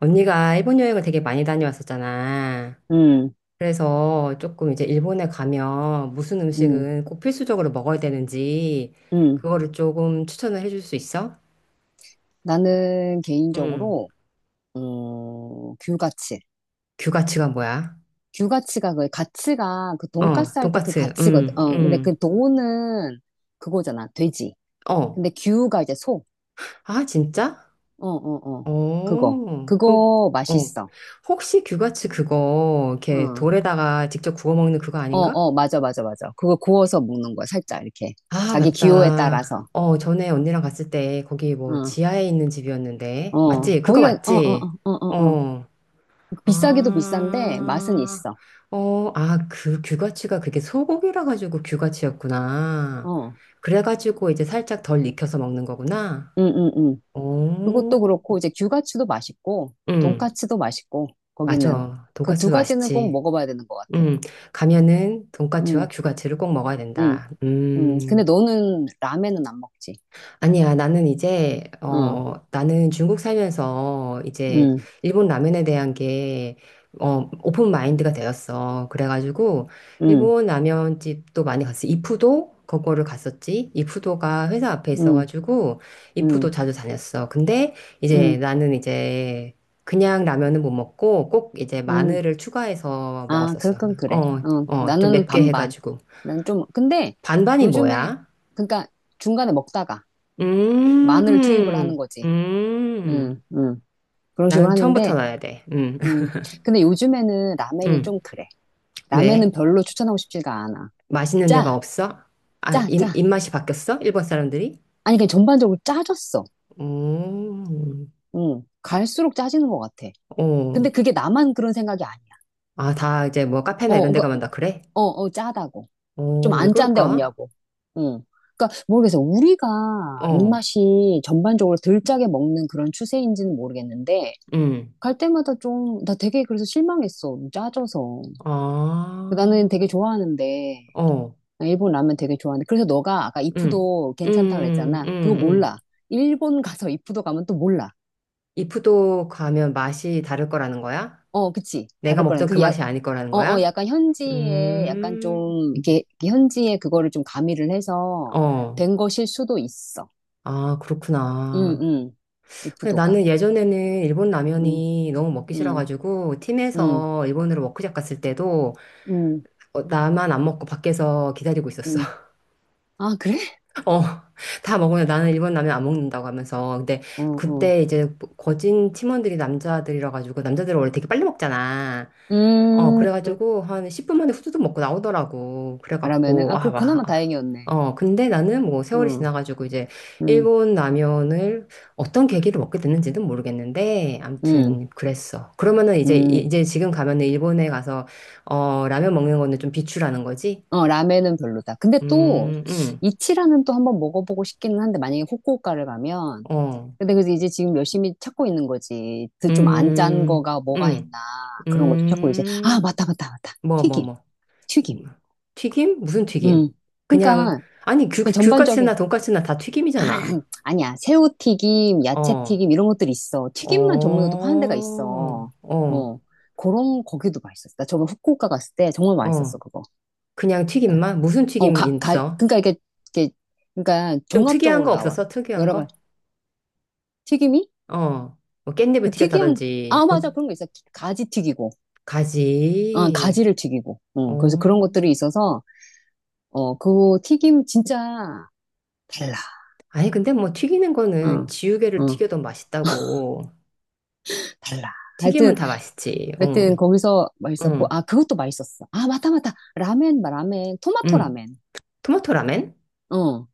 언니가 일본 여행을 되게 많이 다녀왔었잖아. 음, 그래서 조금 이제 일본에 가면 무슨 음, 음식은 꼭 필수적으로 먹어야 되는지 음. 그거를 조금 추천을 해줄 수 있어? 나는 응. 개인적으로, 어, 규가치. 규가츠가 뭐야? 규가치가 그 가치가 그 어, 돈가스 할 때 그 돈까츠. 가치거든. 응, 어, 근데 응. 그 돈은 그거잖아. 돼지. 어. 근데 규가 이제 소. 아, 진짜? 어, 어, 어. 그거. 어. 그럼 그거 어. 맛있어. 혹시 규가츠 그거 이렇게 어, 돌에다가 직접 구워 먹는 그거 어, 아닌가? 어. 맞아, 맞아, 맞아. 그거 구워서 먹는 거야. 살짝 이렇게. 아, 자기 기호에 맞다. 따라서. 어, 전에 언니랑 갔을 때 거기 뭐 어, 지하에 있는 집이었는데. 어. 맞지? 그거 거기가, 어, 어, 맞지? 어, 어, 어. 어. 어. 비싸기도 비싼데 맛은 아. 있어. 어, 아, 그 규가치가 그게 소고기라 가지고 규가치였구나. 어, 그래 가지고 이제 살짝 덜 익혀서 먹는 거구나. 응, 응, 응. 그것도 오. 그렇고 이제 규가츠도 맛있고 응. 돈까츠도 맛있고 거기는 맞아. 그 두 돈까스도 가지는 꼭 맛있지. 먹어봐야 되는 것 같아. 음, 가면은 돈까츠와 음, 규가치를 꼭 먹어야 음, 된다. 음. 근데 너는 라멘은 안 먹지? 아니야, 나는 이제, 응, 어, 나는 중국 살면서 이제 응, 일본 라면에 대한 게, 어, 오픈 마인드가 되었어. 그래가지고, 응, 일본 라면집도 많이 갔어. 이푸도? 그거를 갔었지. 이푸도가 회사 앞에 응, 있어가지고, 이푸도 응, 자주 다녔어. 근데 이제 응, 나는 이제, 그냥 라면은 못 먹고, 꼭 이제 응. 마늘을 추가해서 아, 그럴 먹었었어. 건 그래. 어, 어, 어, 좀 나는 맵게 반반. 해가지고. 난 좀, 근데 반반이 요즘에, 뭐야? 그러니까 중간에 먹다가 마늘 투입을 하는 음, 거지. 음. 응, 응. 그런 식으로 나는 처음부터 하는데, 넣어야 돼. 음. 근데 요즘에는 라멘이 음. 좀 그래. 라멘은 왜? 별로 추천하고 싶지가 않아. 맛있는 데가 짜, 없어? 아, 짜, 입, 짜. 입맛이 바뀌었어? 일본 사람들이? 아니, 그냥 전반적으로 짜졌어. 오, 응. 갈수록 짜지는 것 같아. 어. 근데 그게 나만 그런 생각이 아니야. 아, 다 이제 뭐 카페나 어, 이런 데 그러니까, 가면 다 그래? 어, 어, 짜다고. 좀 어, 왜 안 짠데 그럴까? 없냐고. 응. 그러니까 모르겠어. 우리가 어, 입맛이 전반적으로 덜 짜게 먹는 그런 추세인지는 모르겠는데, 음. 갈 때마다 좀, 나 되게 그래서 실망했어. 짜져서. 아, 나는 되게 좋아하는데, 어, 나 일본 라면 되게 좋아하는데. 그래서 너가 아까 음. 이푸도 괜찮다 음, 그랬잖아. 그거 음, 음. 몰라. 일본 가서 이푸도 가면 또 몰라. 이프도 가면 맛이 다를 거라는 거야? 어, 그치. 내가 다를 거는 먹던 그 그게 약, 맛이 아닐 거라는 어, 어, 거야? 약간 현지에 약간 음. 좀 음. 이렇게 현지에 그거를 좀 가미를 해서 어, 된 것일 수도 있어. 아, 응, 그렇구나. 응. 근데 이프도가. 나는 예전에는 일본 응, 라면이 너무 먹기 응, 싫어가지고, 응, 팀에서 일본으로 워크숍 갔을 때도, 응, 어, 나만 안 먹고 밖에서 기다리고 있었어. 응. 아, 그래? 어, 다 먹으면 나는 일본 라면 안 먹는다고 하면서. 근데 어, 어. 그때 이제 뭐 거진 팀원들이 남자들이라 가지고, 남자들은 원래 되게 빨리 먹잖아. 어, 음. 그래가지고 한 10분 만에 후두둑 먹고 나오더라고. 라면은 그래갖고, 아, 아, 그래 와. 그나마 아. 다행이었네. 어, 근데 나는 뭐 세월이 응, 지나가지고 이제 응, 일본 라면을 어떤 계기로 먹게 됐는지는 모르겠는데, 응, 암튼 그랬어. 그러면은 이제, 응. 이제 지금 가면은 일본에 가서, 어, 라면 먹는 거는 좀 비추라는 거지? 어, 라면은 별로다. 근데 또 음, 음, 이치라는 또 한번 먹어보고 싶기는 한데 만약에 후쿠오카를 가면 어, 근데 그래서 이제 지금 열심히 찾고 있는 거지. 그 좀 안 짠 음, 거가 뭐가 음, 있나 그런 것도 찾고 이제 아 음, 맞다 맞다 맞다 뭐, 뭐, 튀김 뭐. 튀김. 튀김? 무슨 음. 튀김? 그냥, 그러니까 아니, 귤, 그 전반적인 귤까치나 돈까치나 다 튀김이잖아. 아니야 새우 튀김 야채 어, 튀김 이런 것들이 있어. 튀김만 전문으로 또 어, 파는 데가 있어. 어, 어 그런 거기도 맛있었어. 나 저번 후쿠오카 갔을 때 정말 맛있었어 어. 그거. 그냥 그러니까, 튀김만? 무슨 어 튀김 가, 가, 있어? 그러니까 이게 그러니까 좀 특이한 종합적으로 거 나와 없었어? 특이한 여러 거? 가지 튀김이 어, 뭐 깻잎을 그 특이한 튀겼다든지, 아 곧, 맞아 그런 거 있어 가지 튀기고 아, 가지. 가지를 튀기고. 어, 그래서 그런 어. 것들이 있어서, 어, 그 튀김 진짜 달라. 아니, 근데 뭐 튀기는 거는 어, 지우개를 어, 튀겨도 맛있다고. 달라. 튀김은 하여튼, 다 맛있지. 어, 하여튼 거기서 맛있었고, 응, 아, 그것도 맛있었어. 아, 맞다, 맞다. 라멘, 라멘. 토마토 응. 라멘. 토마토 라멘? 어,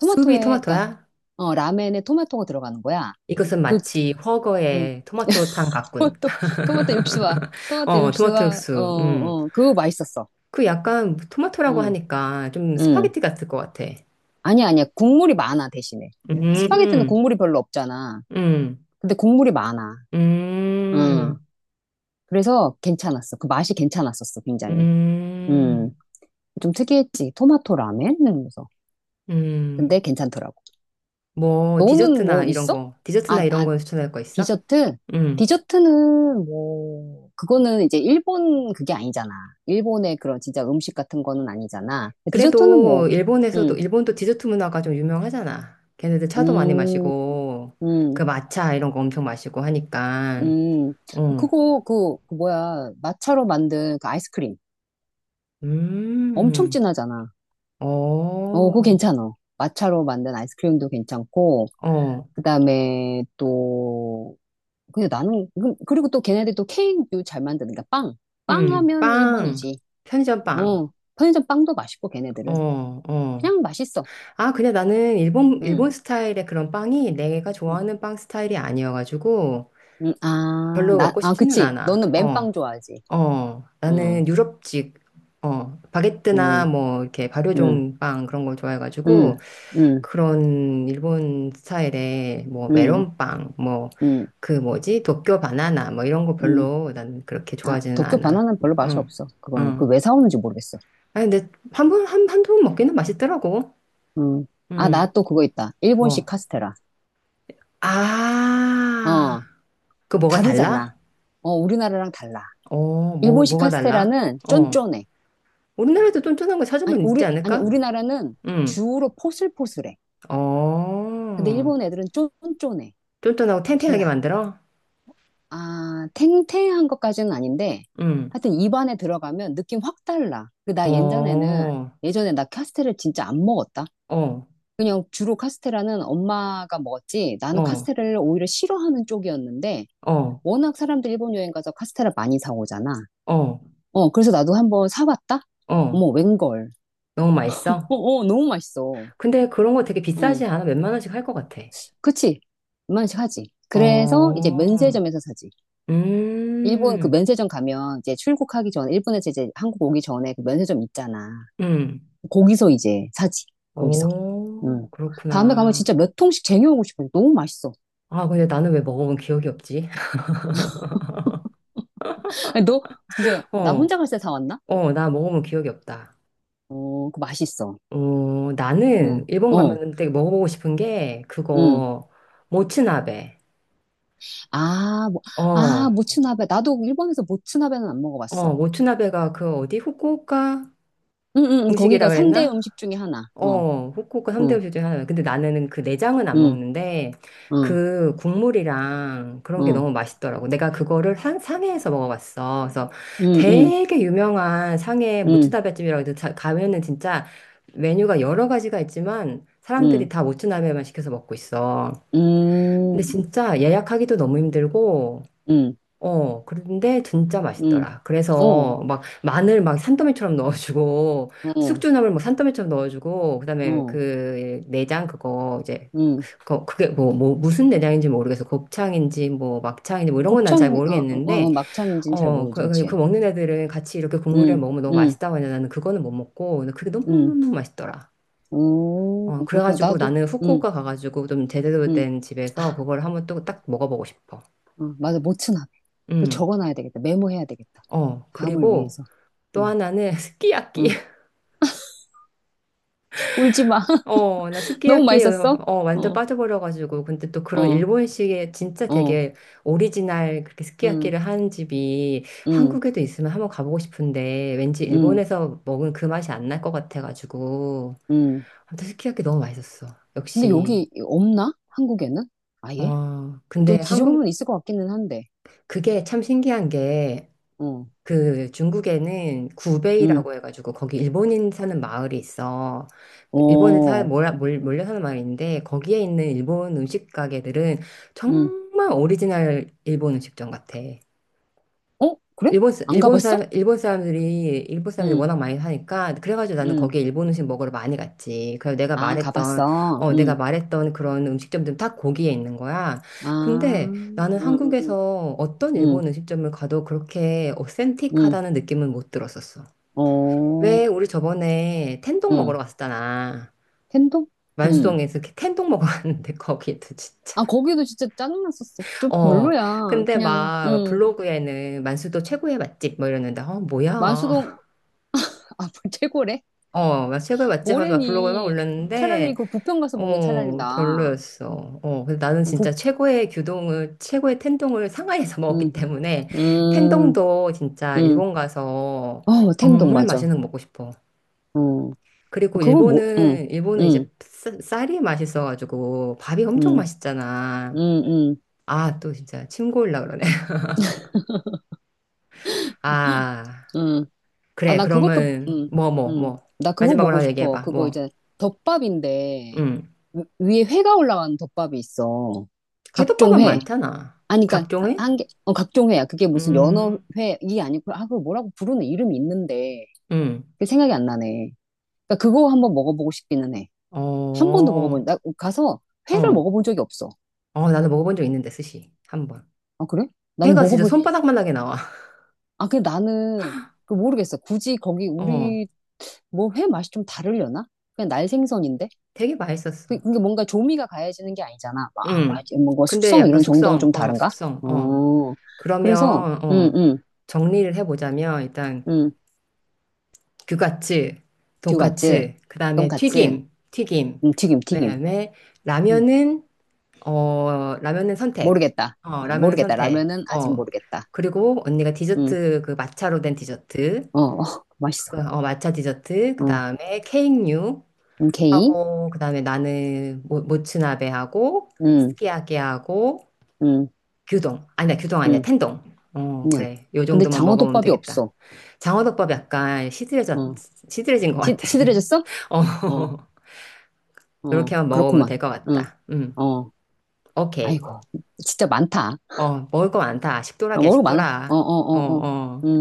수비 그니까, 토마토야? 어, 라멘에 토마토가 들어가는 거야. 이것은 그, 마치 음, 훠거의 토마토탕 같군. 토마토, 토마토 육수와, 토마토 어, 토마토 육수와, 어, 육수. 음. 어, 그거 맛있었어. 그 약간 토마토라고 음, 하니까 좀 음. 스파게티 같을 것 같아. 아니야, 아니야. 국물이 많아, 대신에. 스파게티는 음, 국물이 별로 없잖아. 음, 근데 국물이 많아. 응. 음, 그래서 괜찮았어. 그 맛이 괜찮았었어, 굉장히. 음, 음, 좀 특이했지. 토마토 라멘? 이러면서. 근데 음. 괜찮더라고. 뭐 너는 디저트나 뭐 이런 있어? 거, 아, 디저트나 이런 아, 거 추천할 거 있어? 디저트? 음. 디저트는 뭐, 그거는 이제 일본 그게 아니잖아. 일본의 그런 진짜 음식 같은 거는 아니잖아. 디저트는 그래도 뭐, 일본에서도 음, 일본도 디저트 문화가 좀 유명하잖아. 걔네들 차도 많이 음, 마시고 그 음, 마차 이런 거 엄청 마시고 하니까. 음. 어. 그거, 그, 그 뭐야, 마차로 만든 그 아이스크림. 엄청 음. 진하잖아. 어. 어, 그거 괜찮아. 마차로 만든 아이스크림도 괜찮고, 어. 그 다음에 또, 근데 나는, 그리고 또 걔네들 또 케이크도 잘 만드니까 빵. 빵 음. 하면 일본이 빵. 지 편의점 빵. 어, 편의점 빵도 맛있고, 걔네들은. 어, 어. 그냥 맛있어. 아, 근데 나는 일본, 응, 일본 스타일의 그런 빵이 내가 응, 좋아하는 빵 스타일이 아니어가지고 응. 아, 별로 나, 먹고 아, 싶지는 그치. 않아. 너는 어, 맨빵 좋아하지. 어. 응, 나는 유럽식, 어, 바게트나 응, 뭐 이렇게 응, 발효종 빵 그런 걸 좋아해가지고 응, 응, 그런 일본 스타일의 뭐 응, 메론빵, 뭐 응, 그 뭐지? 도쿄 바나나 뭐 이런 거 응. 별로 난 그렇게 아, 좋아하지는 도쿄 않아. 바나나는 별로 맛이 응, 없어. 그거는. 그 응. 왜 사오는지 모르겠어. 아니, 근데 한 번, 한, 한두 번 먹기는 맛있더라고. 응. 아, 응. 나 또 그거 있다. 일본식 뭐. 카스테라. 아, 어. 그 뭐가 달라? 다르잖아. 어, 우리나라랑 달라. 어, 뭐, 일본식 뭐가 달라? 카스테라는 어. 쫀쫀해. 우리나라도 쫀쫀한 거 아니, 찾으면 있지 우리, 아니, 않을까? 우리나라는 응. 주로 포슬포슬해. 근데 어, 일본 애들은 쫀쫀해. 쫀쫀하고 탱탱하게 달라. 만들어? 아, 탱탱한 것까지는 아닌데, 응. 하여튼 입안에 들어가면 느낌 확 달라. 그 어, 나 예전에는, 어, 예전에 나 카스테라를 진짜 안 먹었다. 그냥 주로 카스테라는 엄마가 먹었지, 나는 어, 카스테라를 오히려 싫어하는 쪽이었는데, 어, 워낙 사람들 일본 여행 가서 카스테라 많이 사오잖아. 어, 어, 그래서 나도 한번 사봤다? 어. 어머, 웬걸. 너무 어, 맛있어? 어, 너무 맛있어. 근데 그런 거 되게 비싸지 응. 않아? 몇만 원씩 할 것 같아. 그치? 이만씩 하지. 그래서 이제 어, 면세점에서 사지. 일본 그 음, 면세점 가면 이제 출국하기 전, 일본에서 이제 한국 오기 전에 그 면세점 있잖아. 음. 거기서 이제 사지. 거기서. 오, 응. 다음에 가면 그렇구나. 진짜 몇 통씩 쟁여오고 싶어. 너무 맛있어. 아, 근데 나는 왜 먹어본 기억이 없지? 아니, 너 진짜 나 어. 혼자 갈 때 사왔나? 어, 나 먹어본 기억이 없다. 어, 그 맛있어. 어, 나는 응. 일본 가 어. 면 되게 먹어보고 싶은 게 응. 그거 모츠나베. 아, 뭐, 어, 아, 모츠나베. 나도 일본에서 모츠나베는 안 어, 먹어봤어. 모츠나베가 그 어디 후쿠오카 응, 응, 응. 거기가 음식이라 3대 그랬나? 음식 중에 하나. 어, 어, 후쿠오카 삼대 응, 요리 중에 하나야. 근데 나는 그 내장은 안 응, 먹는데 어, 그 국물이랑 그런 게 어, 너무 맛있더라고. 내가 그거를 한, 상해에서 먹어봤어. 그래서 응, 응, 되게 유명한 상해 응, 모츠나베집이라고 해서 가면은 진짜 메뉴가 여러 가지가 있지만 사람들이 응, 다 모츠나베만 시켜서 먹고 있어. 근데 응, 진짜 예약하기도 너무 힘들고 응, 어, 그런데 진짜 응, 맛있더라. 어, 그래서 막 마늘 막 산더미처럼 넣어주고, 어, 숙주나물 막 산더미처럼 넣어주고, 그다음에 어, 그 내장 그거 이제, 응. 그거 그게 뭐, 뭐 무슨 내장인지 모르겠어. 곱창인지 뭐 막창인지 뭐 이런 건 난 잘 곱창, 어, 어, 어, 모르겠는데, 막창인지는 잘 어, 모르지, 그, 그 그치? 먹는 애들은 같이 이렇게 국물이랑 응, 먹으면 너무 응, 맛있다고 하는데 나는 그거는 못 먹고, 근데 그게 응. 너무너무 맛있더라. 어, 오, 그렇구나. 그래가지고 나도, 나는 응, 후쿠오카 가가지고 좀 제대로 응. 된 집에서 아, 그걸 한번 또 딱 먹어보고 싶어. 어, 맞아. 모츠나베. 그 음, 적어놔야 되겠다. 메모해야 되겠다. 어, 다음을 그리고, 위해서. 또 어, 하나는 스키야키. 어. 울지 마. 어, 나 너무 스키야키에 맛있었어? 어, 완전 어, 빠져버려가지고. 근데 또 그런 어, 일본식의 진짜 어, 되게 오리지널 그렇게 응, 스키야키를 하는 집이 응. 한국에도 있으면 한번 가보고 싶은데 왠지 음, 일본에서 먹은 그 맛이 안 날 것 같아가지고. 음. 아무튼 스키야키 너무 맛있었어. 근데 역시. 여기 없나? 한국에는? 아예? 어, 근데 또 한국, 뒤져보면 있을 것 같기는 한데. 그게 참 신기한 게 어, 그 중국에는 음, 구베이라고 해가지고 거기 일본인 사는 마을이 있어. 그 일본에 어, 몰려 사는 마을인데 거기에 있는 일본 음식 가게들은 음. 정말 오리지널 일본 음식점 같아. 어? 그래? 일본, 안 일본 가봤어? 사람, 일본 사람들이, 일본 사람들이 음, 워낙 많이 사니까, 그래가지고 나는 음. 거기에 일본 음식 먹으러 많이 갔지. 그래서 내가 아, 말했던, 가봤어. 어, 내가 말했던 그런 음식점들은 다 거기에 있는 거야. 아, 근데 나는 한국에서 어떤 음, 일본 음식점을 가도 그렇게 음. 어센틱하다는 느낌은 못 들었었어. 어, 왜 우리 저번에 텐동 먹으러 음. 갔었잖아. 텐동? 음. 만수동에서 이렇게 텐동 먹으러 갔는데 거기도 진짜. 아, 거기도 진짜 짜증났었어. 좀 어, 별로야. 근데 그냥, 막 블로그에는 만수도 최고의 맛집 뭐 이러는데, 어, 뭐야. 만수동, 아, 최고래? 어, 막 최고의 맛집 하면서 막 블로그에 막 뭐래니. 차라리 올렸는데, 그 부평 가서 먹는 게 차라리 어, 나. 별로였어. 어, 근데 나는 진짜 부, 최고의 규동을, 최고의 텐동을 상하이에서 먹었기 때문에, 음, 텐동도 진짜 음. 일본 가서 어, 텐동, 정말 맞아. 맛있는 거 먹고 싶어. 어. 그리고 그거 뭐, 응, 일본은, 일본은 응, 이제 쌀이 맛있어가지고, 밥이 엄청 응, 응, 맛있잖아. 응, 아, 또 진짜 침 고일라 그러네. 아, 응. 아, 그래. 나 그것도, 그러면, 응, 뭐, 뭐, 응. 뭐. 나 그거 마지막으로 보고 하나 싶어. 얘기해봐. 그거 뭐, 이제 덮밥인데, 음. 위에 회가 올라간 덮밥이 있어. 각종 회덮밥은 회. 많잖아. 아니, 그니까, 각종 회? 한 개, 어, 각종 회야. 그게 무슨 연어 음, 회, 이 아니고, 아, 그걸 뭐라고 부르는 이름이 있는데, 음, 그게 생각이 안 나네. 그니까 그거 한번 먹어보고 싶기는 해. 어, 한 번도 먹어본, 어, 나 가서 회를 먹어본 적이 없어. 어, 나도 먹어본 적 있는데, 스시. 한 번. 아, 그래? 난 회가 진짜 먹어본, 손바닥만하게 나와. 아, 근데 나는 그 모르겠어. 굳이 거기 어, 우리 뭐 회 맛이 좀 다르려나? 그냥 날 생선인데? 되게 맛있었어. 그게 뭔가 조미가 가해지는 게 아니잖아. 아, 맛, 음, 뭔가 근데 숙성 약간 이런 정도가 숙성, 좀 어, 다른가? 숙성, 어. 어, 그러면, 그래서, 응, 어, 응, 정리를 해보자면, 일단, 응. 규가츠, 규같지? 돈까츠, 그 다음에 돈같지? 튀김, 튀김. 응, 튀김, 그 튀김. 다음에, 응, 라면은, 어, 라면은 선택. 모르겠다. 어, 어, 라면은 모르겠다. 선택. 라면은 아직 어. 모르겠다. 그리고 언니가 응, 디저트, 그 마차로 된 디저트. 어, 어, 맛있어. 그, 어, matcha 디저트, 그 어. 응, 다음에 케이크류 응, 게이? 하고, 그 다음에 나는 모츠나베 하고, 응, 스키야키 하고, 응, 규동. 아니야, 규동 아니야, 응, 텐동. 어, 그냥. 그래. 요 근데 정도만 먹어보면 장어덮밥이 되겠다. 없어. 장어덮밥 약간 시들해져, 어, 시들해진 것 시, 같아. 시들해졌어? 어, 어. 어, 이렇게만 먹어보면 그렇구만. 될 것 응, 같다. 어, 오케이. 아이고, 진짜 많다. 어, 먹을 거 많다. 어, 식도락이야, 모르고 많아. 어, 어, 식도락. 어, 어, 어. 음. 어.